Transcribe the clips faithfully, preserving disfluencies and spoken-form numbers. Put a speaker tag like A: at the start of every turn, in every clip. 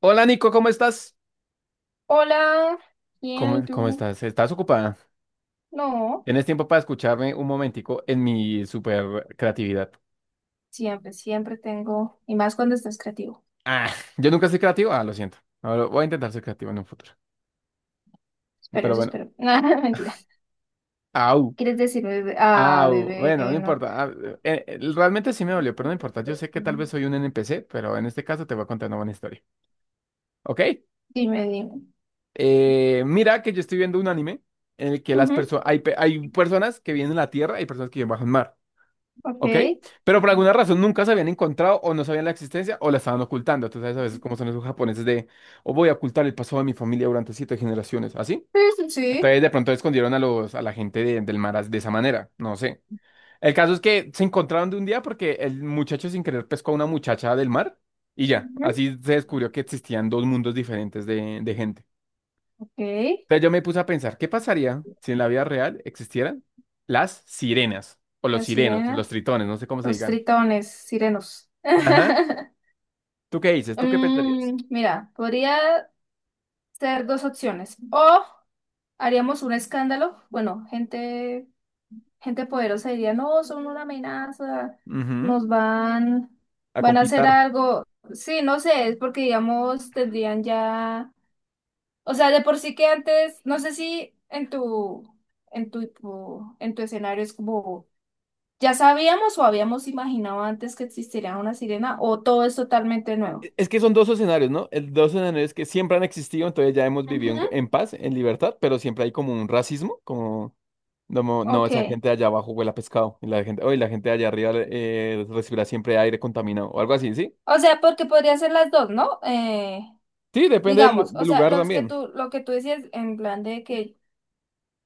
A: Hola Nico, ¿cómo estás?
B: Hola, bien, ¿y
A: ¿Cómo, cómo
B: tú?
A: estás? ¿Estás ocupada?
B: No,
A: ¿Tienes tiempo para escucharme un momentico en mi super creatividad?
B: siempre, siempre tengo, y más cuando estás creativo.
A: Ah, yo nunca soy creativo. Ah, lo siento. Ahora voy a intentar ser creativo en un futuro.
B: Pero
A: Pero
B: eso
A: bueno,
B: espero. Nada, mentira.
A: au,
B: ¿Quieres decir bebé? Ah,
A: au.
B: bebé,
A: Bueno, no
B: no.
A: importa. Ah, eh, eh, realmente sí me dolió, pero no importa. Yo sé que tal vez soy un N P C, pero en este caso te voy a contar una buena historia. ¿Ok?
B: Dime, dime.
A: Eh, mira que yo estoy viendo un anime en el que las
B: Ujú,
A: personas, hay, pe- hay personas que vienen a la Tierra y personas que viven bajo el mar.
B: ok.
A: ¿Ok?
B: Sí,
A: Pero por alguna razón nunca se habían encontrado o no sabían la existencia o la estaban ocultando. Tú sabes a veces cómo son esos japoneses de, o voy a ocultar el pasado de mi familia durante siete generaciones, ¿así?
B: sí,
A: Entonces
B: sí.
A: de pronto escondieron a los, a la gente de- del mar as- de esa manera, no sé. El caso es que se encontraron de un día porque el muchacho sin querer pescó a una muchacha del mar y ya,
B: Ujú,
A: así se descubrió que existían dos mundos diferentes de, de gente.
B: ok.
A: Entonces yo me puse a pensar, ¿qué pasaría si en la vida real existieran las sirenas o los
B: La
A: sirenos, los
B: sirena.
A: tritones, no sé cómo se
B: Los
A: digan?
B: tritones, sirenos.
A: Ajá. ¿Tú qué dices? ¿Tú qué pensarías?
B: Mm, mira, podría ser dos opciones. O haríamos un escándalo. Bueno, gente. Gente poderosa diría, no, son una amenaza,
A: Ujú.
B: nos van,
A: A
B: van a hacer
A: conquistar.
B: algo. Sí, no sé, es porque, digamos, tendrían ya, o sea, de por sí que antes, no sé si en tu, en tu, tu- en tu escenario es como, ya sabíamos o habíamos imaginado antes que existiría una sirena o todo es totalmente nuevo.
A: E- Es que son dos escenarios, ¿no? El dos escenarios que siempre han existido, entonces ya hemos vivido en, en
B: Ujú.
A: paz, en libertad, pero siempre hay como un racismo, como, no, no,
B: Ok.
A: esa gente de allá abajo huele a pescado, y la gente, oye, la gente de allá arriba eh, recibirá siempre aire contaminado, o algo así, ¿sí?
B: O sea, porque podría ser las dos, ¿no? Eh,
A: Sí, depende del,
B: digamos, o
A: del
B: sea,
A: lugar
B: los que
A: también.
B: tú, lo que tú decías en plan de que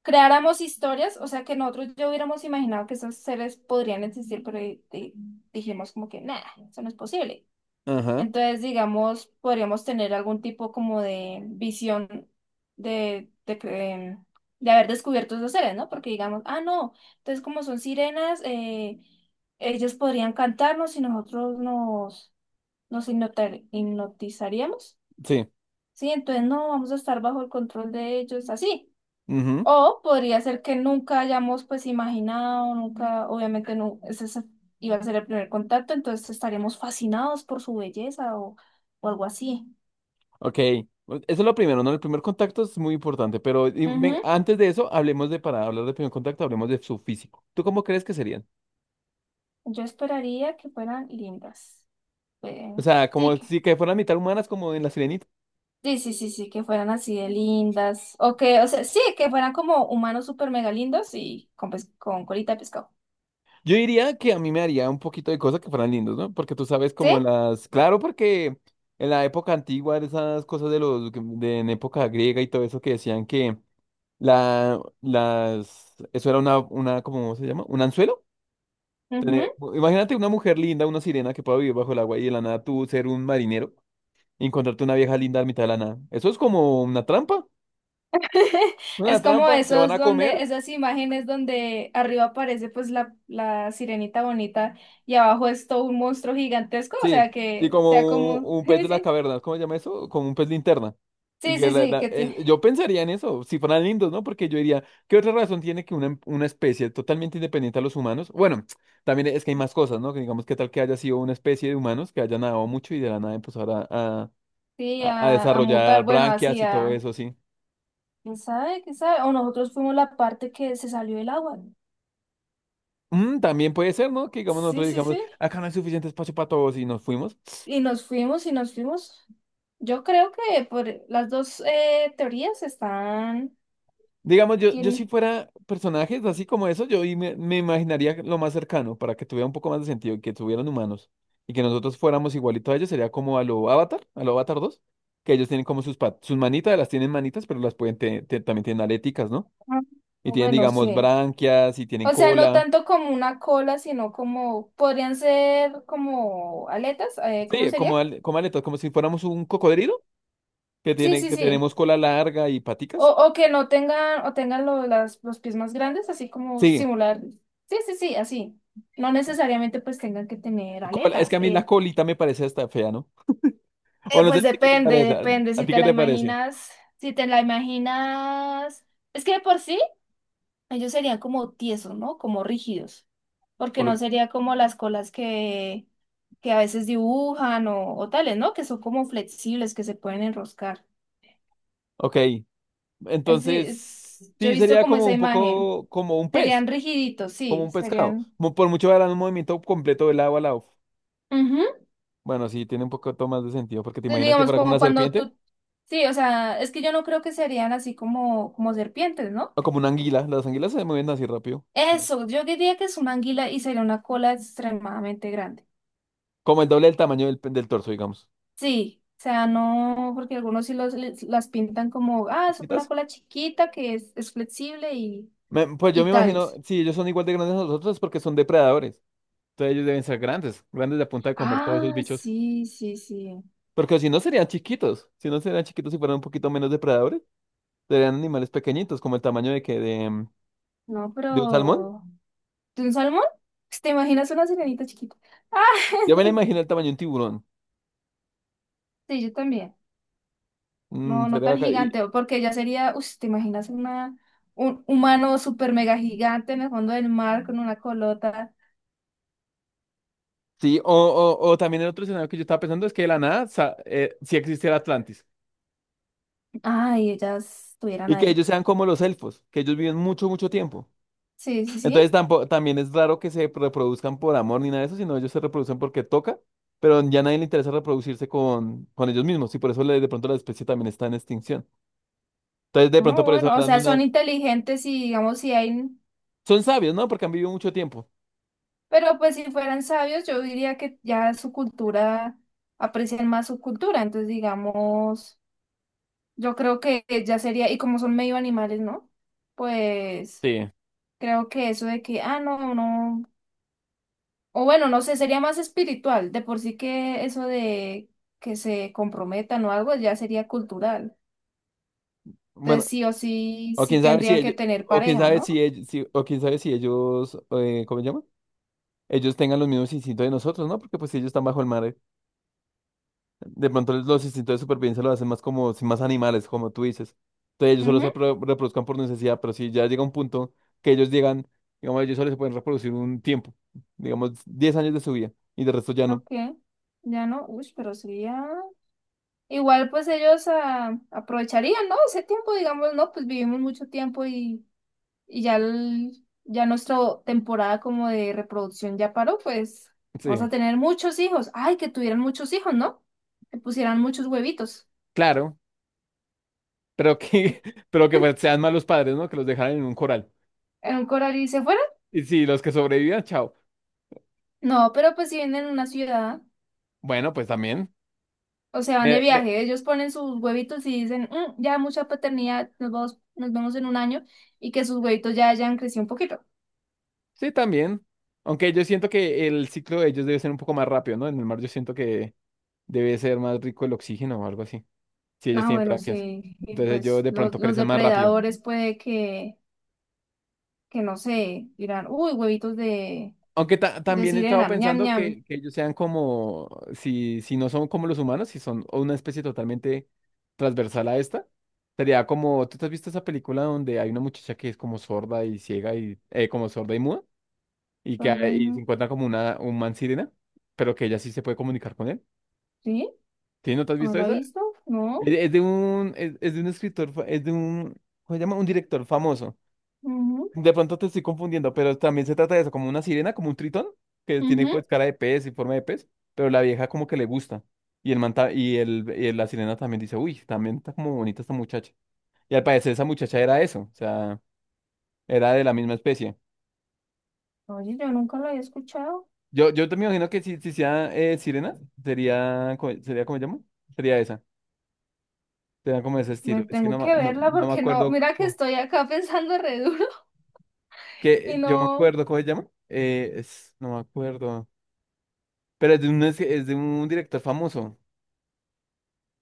B: creáramos historias, o sea, que nosotros ya hubiéramos imaginado que esos seres podrían existir, pero di- di- dijimos como que, nada, eso no es posible.
A: Ajá,
B: Entonces, digamos, podríamos tener algún tipo como de visión de, de, que, em, de haber descubierto esos seres, ¿no? Porque digamos, ah, no, entonces como son sirenas, eh, ellos podrían cantarnos y nosotros nos, nos hipnotar- hipnotizaríamos.
A: sí.
B: Sí, entonces no vamos a estar bajo el control de ellos, así.
A: Ujú.
B: O podría ser que nunca hayamos pues imaginado, nunca, obviamente no, ese es- iba a ser el primer contacto, entonces estaríamos fascinados por su belleza o, o algo así.
A: Ok. Eso es lo primero, ¿no? El primer contacto es muy importante, pero y ven,
B: Ujú.
A: antes de eso, hablemos de, para hablar de primer contacto, hablemos de su físico. ¿Tú cómo crees que sería?
B: Yo esperaría que fueran lindas. Eh,
A: O sea,
B: sí,
A: como
B: que,
A: si que fueran mitad humanas como en La Sirenita.
B: sí, sí, sí, sí, que fueran así de lindas. O que, o sea, sí, que fueran como humanos súper mega lindos y con, pes- con colita de pescado.
A: Yo diría que a mí me haría un poquito de cosas que fueran lindos, ¿no? Porque tú sabes como
B: ¿Sí?
A: en las. Claro, porque en la época antigua, esas cosas de los, de en época griega y todo eso que decían que la, las. Eso era una... una ¿cómo se llama? ¿Un anzuelo? Tener- Imagínate una mujer linda, una sirena que pueda vivir bajo el agua y de la nada tú ser un marinero y encontrarte una vieja linda a mitad de la nada. Eso es como una trampa. Una
B: Es como
A: trampa. Te van
B: esos
A: a comer.
B: donde, esas imágenes donde arriba aparece pues la, la sirenita bonita y abajo es todo un monstruo gigantesco, o
A: Sí,
B: sea
A: sí,
B: que sea
A: como
B: como,
A: un, un pez
B: sí,
A: de las
B: sí,
A: cavernas, ¿cómo se llama eso? Como un pez linterna. Y
B: sí,
A: que
B: sí,
A: la-
B: sí,
A: la-
B: que te-
A: eh, yo pensaría en eso, si fueran lindos, ¿no? Porque yo diría, ¿qué otra razón tiene que una, una especie totalmente independiente a los humanos? Bueno, también es que hay más cosas, ¿no? Que digamos, ¿qué tal que haya sido una especie de humanos que haya nadado mucho y de la nada empezara a,
B: sí,
A: a, a a
B: a, a mutar,
A: desarrollar
B: bueno,
A: branquias
B: así
A: y todo
B: a,
A: eso, ¿sí?
B: ¿quién sabe? ¿Quién sabe? O nosotros fuimos la parte que se salió del agua.
A: Mm, también puede ser, ¿no? Que digamos,
B: Sí,
A: nosotros
B: sí,
A: digamos,
B: sí.
A: acá no hay suficiente espacio para todos y nos fuimos.
B: Y nos fuimos y nos fuimos. Yo creo que por las dos eh, teorías están,
A: Digamos, yo, yo si
B: tienen,
A: fuera personajes así como eso, yo y me, me imaginaría lo más cercano para que tuviera un poco más de sentido, y que tuvieran humanos y que nosotros fuéramos igualitos a ellos, sería como a lo Avatar, a lo Avatar dos que ellos tienen como sus, pa- sus manitas, las tienen manitas, pero las pueden, te- te- también tienen aléticas, ¿no?
B: ah,
A: Y tienen,
B: bueno,
A: digamos,
B: sí.
A: branquias y tienen
B: O sea, no
A: cola.
B: tanto como una cola, sino como, podrían ser como aletas, eh, ¿cómo
A: Sí, como,
B: sería?
A: al- como aletas, como si fuéramos un cocodrilo, que
B: Sí,
A: tiene,
B: sí,
A: que
B: sí.
A: tenemos cola larga y
B: O,
A: paticas.
B: o que no tengan, o tengan lo- las, los pies más grandes, así como
A: Sí,
B: simular. Sí, sí, sí, así. No necesariamente pues tengan que tener
A: cola- es que
B: aletas.
A: a mí la
B: eh.
A: colita me parece hasta fea, ¿no?
B: Eh,
A: O no sé,
B: pues
A: ¿a ti qué te
B: depende,
A: parece?
B: depende,
A: ¿A
B: si
A: ti
B: te
A: qué
B: la
A: te parece?
B: imaginas, si te la imaginas. Es que de por sí ellos serían como tiesos, ¿no? Como rígidos, porque no sería como las colas que, que a veces dibujan o, o tales, ¿no? Que son como flexibles, que se pueden enroscar.
A: Ok,
B: Así
A: entonces
B: es- yo he
A: sí
B: visto
A: sería
B: como
A: como
B: esa
A: un
B: imagen.
A: poco como un pez,
B: Serían rigiditos,
A: como
B: sí,
A: un pescado.
B: serían...
A: Mo- Por mucho harán un movimiento completo del agua al lado.
B: Ujú.
A: Bueno, sí, tiene un poco más de sentido, porque te
B: Entonces,
A: imaginas que
B: digamos,
A: fuera como una
B: como cuando
A: serpiente
B: tú... Sí, o sea, es que yo no creo que serían así como, como serpientes, ¿no?
A: o como una anguila. Las anguilas se mueven así rápido,
B: Eso, yo diría que es una anguila y sería una cola extremadamente grande.
A: como el doble del tamaño del, pe- del torso, digamos.
B: Sí, o sea, no, porque algunos sí los, les- las pintan como, ah, es una
A: Chiquitas.
B: cola chiquita que es, es flexible y,
A: Me- pues yo
B: y
A: me imagino,
B: tales.
A: si ellos son igual de grandes a nosotros, es porque son depredadores. Entonces ellos deben ser grandes, grandes de a punta de comer todos esos
B: Ah,
A: bichos.
B: sí, sí, sí.
A: Porque si no serían chiquitos, si no serían chiquitos y fueran un poquito menos depredadores, serían animales pequeñitos, como el tamaño de que de.
B: No,
A: ¿De un salmón?
B: pero... ¿De un salmón? Pues, ¿te imaginas una sirenita chiquita? Ah,
A: Yo me la imagino el tamaño de un tiburón.
B: sí, yo también.
A: Mm,
B: No, no
A: sería
B: tan
A: bacán. Y,
B: gigante, porque ya sería, uff, ¿te imaginas una, un humano super mega gigante en el fondo del mar con una colota?
A: sí, o, o, o también el otro escenario que yo estaba pensando es que de la nada sa- eh, sí existe el Atlantis.
B: Ay, ellas estuvieran
A: Y que
B: ahí.
A: ellos sean como los elfos, que ellos viven mucho, mucho tiempo.
B: Sí, sí,
A: Entonces
B: sí.
A: tampoco, también es raro que se reproduzcan por amor ni nada de eso, sino ellos se reproducen porque toca, pero ya nadie le interesa reproducirse con, con ellos mismos. Y por eso le- de pronto la especie también está en extinción. Entonces de pronto
B: Ah,
A: por eso
B: bueno, o
A: hablan
B: sea, son
A: una.
B: inteligentes y digamos si hay,
A: Son sabios, ¿no? Porque han vivido mucho tiempo.
B: pero pues si fueran sabios, yo diría que ya su cultura, aprecian más su cultura, entonces digamos, yo creo que ya sería, y como son medio animales, ¿no? Pues
A: Sí.
B: creo que eso de que, ah, no, no, o bueno, no sé, sería más espiritual, de por sí que eso de que se comprometan o algo ya sería cultural,
A: Bueno,
B: entonces sí o sí,
A: o
B: sí
A: quién sabe si
B: tendrían que
A: ellos,
B: tener
A: o quién
B: pareja,
A: sabe si
B: ¿no?
A: ellos, si- o quién sabe si ellos, eh, ¿cómo se llama? Ellos tengan los mismos instintos de nosotros, ¿no? Porque pues si ellos están bajo el mar, eh, de pronto les- los instintos de supervivencia lo hacen más como, sin más animales, como tú dices. Entonces ellos solo se
B: Ujú,
A: pro- reproduzcan por necesidad, pero si ya llega un punto que ellos llegan, digamos, ellos solo se pueden reproducir un tiempo, digamos, diez años de su vida, y de resto ya no.
B: ok. Ya no, uy, pero sería. Igual pues ellos ah, aprovecharían, ¿no? Ese tiempo, digamos, ¿no? Pues vivimos mucho tiempo y, y ya, el- ya nuestra temporada como de reproducción ya paró, pues
A: Sí,
B: vamos a tener muchos hijos. Ay, que tuvieran muchos hijos, ¿no? Que pusieran muchos huevitos
A: claro, pero que, pero que pues, sean malos padres, ¿no? Que los dejaran en un coral.
B: en un coral y se fueran.
A: Y si los que sobrevivan, chao.
B: No, pero pues si vienen a una ciudad
A: Bueno, pues también.
B: o se van de viaje, ellos ponen sus huevitos y dicen, "Mm, ya mucha paternidad, nos vamos, nos vemos en un año y que sus huevitos ya hayan crecido un poquito".
A: Sí, también. Aunque yo siento que el ciclo de ellos debe ser un poco más rápido, ¿no? En el mar yo siento que debe ser más rico el oxígeno o algo así. Si ellos
B: Ah,
A: tienen
B: bueno,
A: branquias.
B: sí. Y
A: Entonces ellos
B: pues
A: de pronto
B: los, los
A: crecen más rápido.
B: depredadores puede que, que no sé, dirán, uy, huevitos de,
A: Aunque ta-
B: de
A: también he estado
B: sirena, ñam,
A: pensando
B: ñam.
A: que, que ellos sean como, si, si, no son como los humanos, si son una especie totalmente transversal a esta, sería como, ¿tú te has visto esa película donde hay una muchacha que es como sorda y ciega y, eh, como sorda y muda? Y que hay,
B: Perdón,
A: y se encuentra como una, un man sirena, pero que ella sí se puede comunicar con él.
B: ¿sí?
A: ¿Sí? ¿No te has
B: ¿No
A: visto
B: lo ha
A: esa?
B: visto?
A: Es,
B: No.
A: es de un, es, es de un escritor, fa- es de un, ¿cómo se llama? Un director famoso.
B: Ujú,
A: De pronto te estoy confundiendo, pero también se trata de eso, como una sirena, como un tritón, que tiene
B: ujú.
A: pues cara de pez y forma de pez, pero la vieja como que le gusta. Y el manta y el, y la sirena también dice, uy, también está como bonita esta muchacha. Y al parecer esa muchacha era eso, o sea, era de la misma especie.
B: Oye, yo nunca la había escuchado.
A: Yo, yo te me imagino que si, si sea eh, sirena, sería, co- sería, ¿cómo se llama? Sería esa, sería como ese
B: Me
A: estilo. Es que
B: tengo
A: no, ma-
B: que
A: no,
B: verla
A: no me
B: porque no,
A: acuerdo.
B: mira que estoy acá pensando re duro y
A: Que yo me
B: no.
A: acuerdo, ¿cómo se llama? Eh, es, no me acuerdo. Pero es de un, es, es de un director famoso.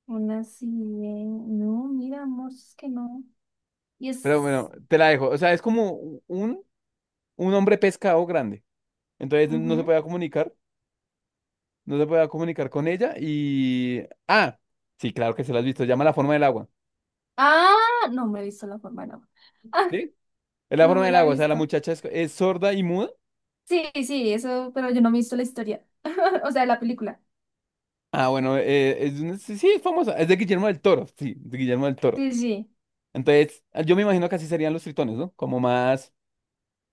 B: Una sirena. No, mira, amor, es que no. Y
A: Pero
B: es.
A: bueno, te la dejo. O sea, es como un, un hombre pescado grande. Entonces no se
B: Ujú.
A: podía comunicar. No se podía comunicar con ella. Y. Ah, sí, claro que se la has visto. Se llama La forma del agua.
B: Ah, no me he visto la forma, no. Ah,
A: ¿Sí? Es la
B: no
A: forma
B: me
A: del
B: la he
A: agua. O sea, la
B: visto.
A: muchacha es, es sorda y muda.
B: Sí, sí, eso, pero yo no me he visto la historia, o sea, la película.
A: Ah, bueno, eh, es, un, sí, sí, es famosa. Es de Guillermo del Toro. Sí, de Guillermo del Toro.
B: Sí, sí,
A: Entonces, yo me imagino que así serían los tritones, ¿no? Como más.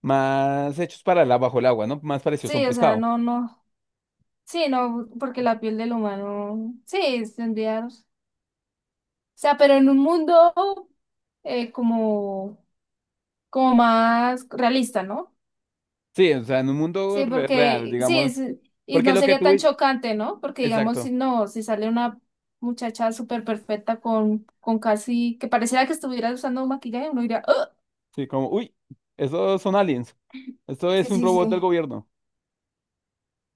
A: Más hechos para la, bajo el agua, ¿no? Más parecidos a un
B: sí, o sea,
A: pescado.
B: no, no, sí, no, porque la piel del humano, sí, tendría, o sea, pero en un mundo eh, como, como más realista, ¿no?
A: Sí, o sea, en un mundo
B: Sí,
A: re- real,
B: porque, sí,
A: digamos.
B: es- y
A: Porque
B: no
A: lo que
B: sería
A: tú.
B: tan chocante, ¿no? Porque digamos,
A: Exacto.
B: si no, si sale una muchacha súper perfecta con, con casi, que pareciera que estuviera usando un maquillaje, uno diría, "Ugh".
A: Sí, como, uy, esos son aliens. Esto
B: Sí,
A: es
B: sí,
A: un
B: sí,
A: robot del
B: sí,
A: gobierno.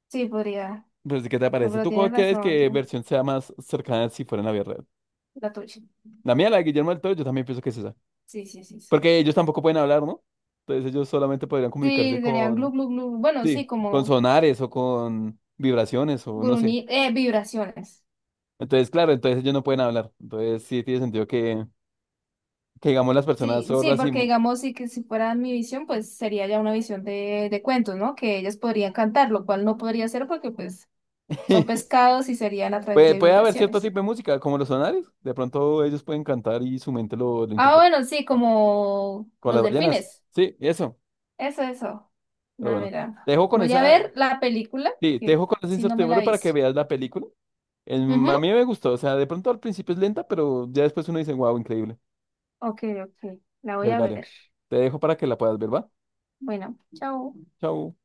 B: sí, podría,
A: Pero sí, ¿qué te
B: no,
A: parece?
B: pero
A: ¿Tú
B: tiene
A: cuál crees
B: razón.
A: que versión sea más cercana si fuera en la vida real?
B: La tuya.
A: La mía, la de Guillermo del Toro, yo también pienso que es esa.
B: Sí, sí, sí. Sí,
A: Porque ellos tampoco pueden hablar, ¿no? Entonces ellos solamente podrían comunicarse
B: sí, serían glu,
A: con,
B: glu, glu. Bueno,
A: sí,
B: sí,
A: con
B: como
A: sonares o con vibraciones o no sé.
B: gruñi, eh, vibraciones.
A: Entonces, claro, entonces ellos no pueden hablar. Entonces sí tiene sentido que digamos las personas
B: Sí, sí,
A: sordas y.
B: porque
A: mu-
B: digamos, sí que si fuera mi visión, pues sería ya una visión de, de cuentos, ¿no? Que ellas podrían cantar, lo cual no podría ser porque pues son pescados y serían a través
A: Puede,
B: de
A: puede haber cierto
B: vibraciones.
A: tipo de música, como los sonares. De pronto ellos pueden cantar y su mente lo, lo
B: Ah,
A: interpreta.
B: bueno, sí, como
A: Con
B: los
A: las ballenas.
B: delfines.
A: Sí, eso.
B: Eso, eso.
A: Pero
B: No,
A: bueno. Te
B: mira.
A: dejo con
B: Voy a
A: esa.
B: ver la película,
A: Sí, te
B: porque
A: dejo con esa
B: si no me
A: incertidumbre
B: la
A: para que
B: hizo.
A: veas la película. El,
B: Ujú.
A: a mí me gustó. O sea, de pronto al principio es lenta, pero ya después uno dice, wow, increíble.
B: Ok, ok. La voy
A: Pues
B: a
A: vale.
B: ver.
A: Te dejo para que la puedas ver, ¿va?
B: Bueno, chao.
A: Chao.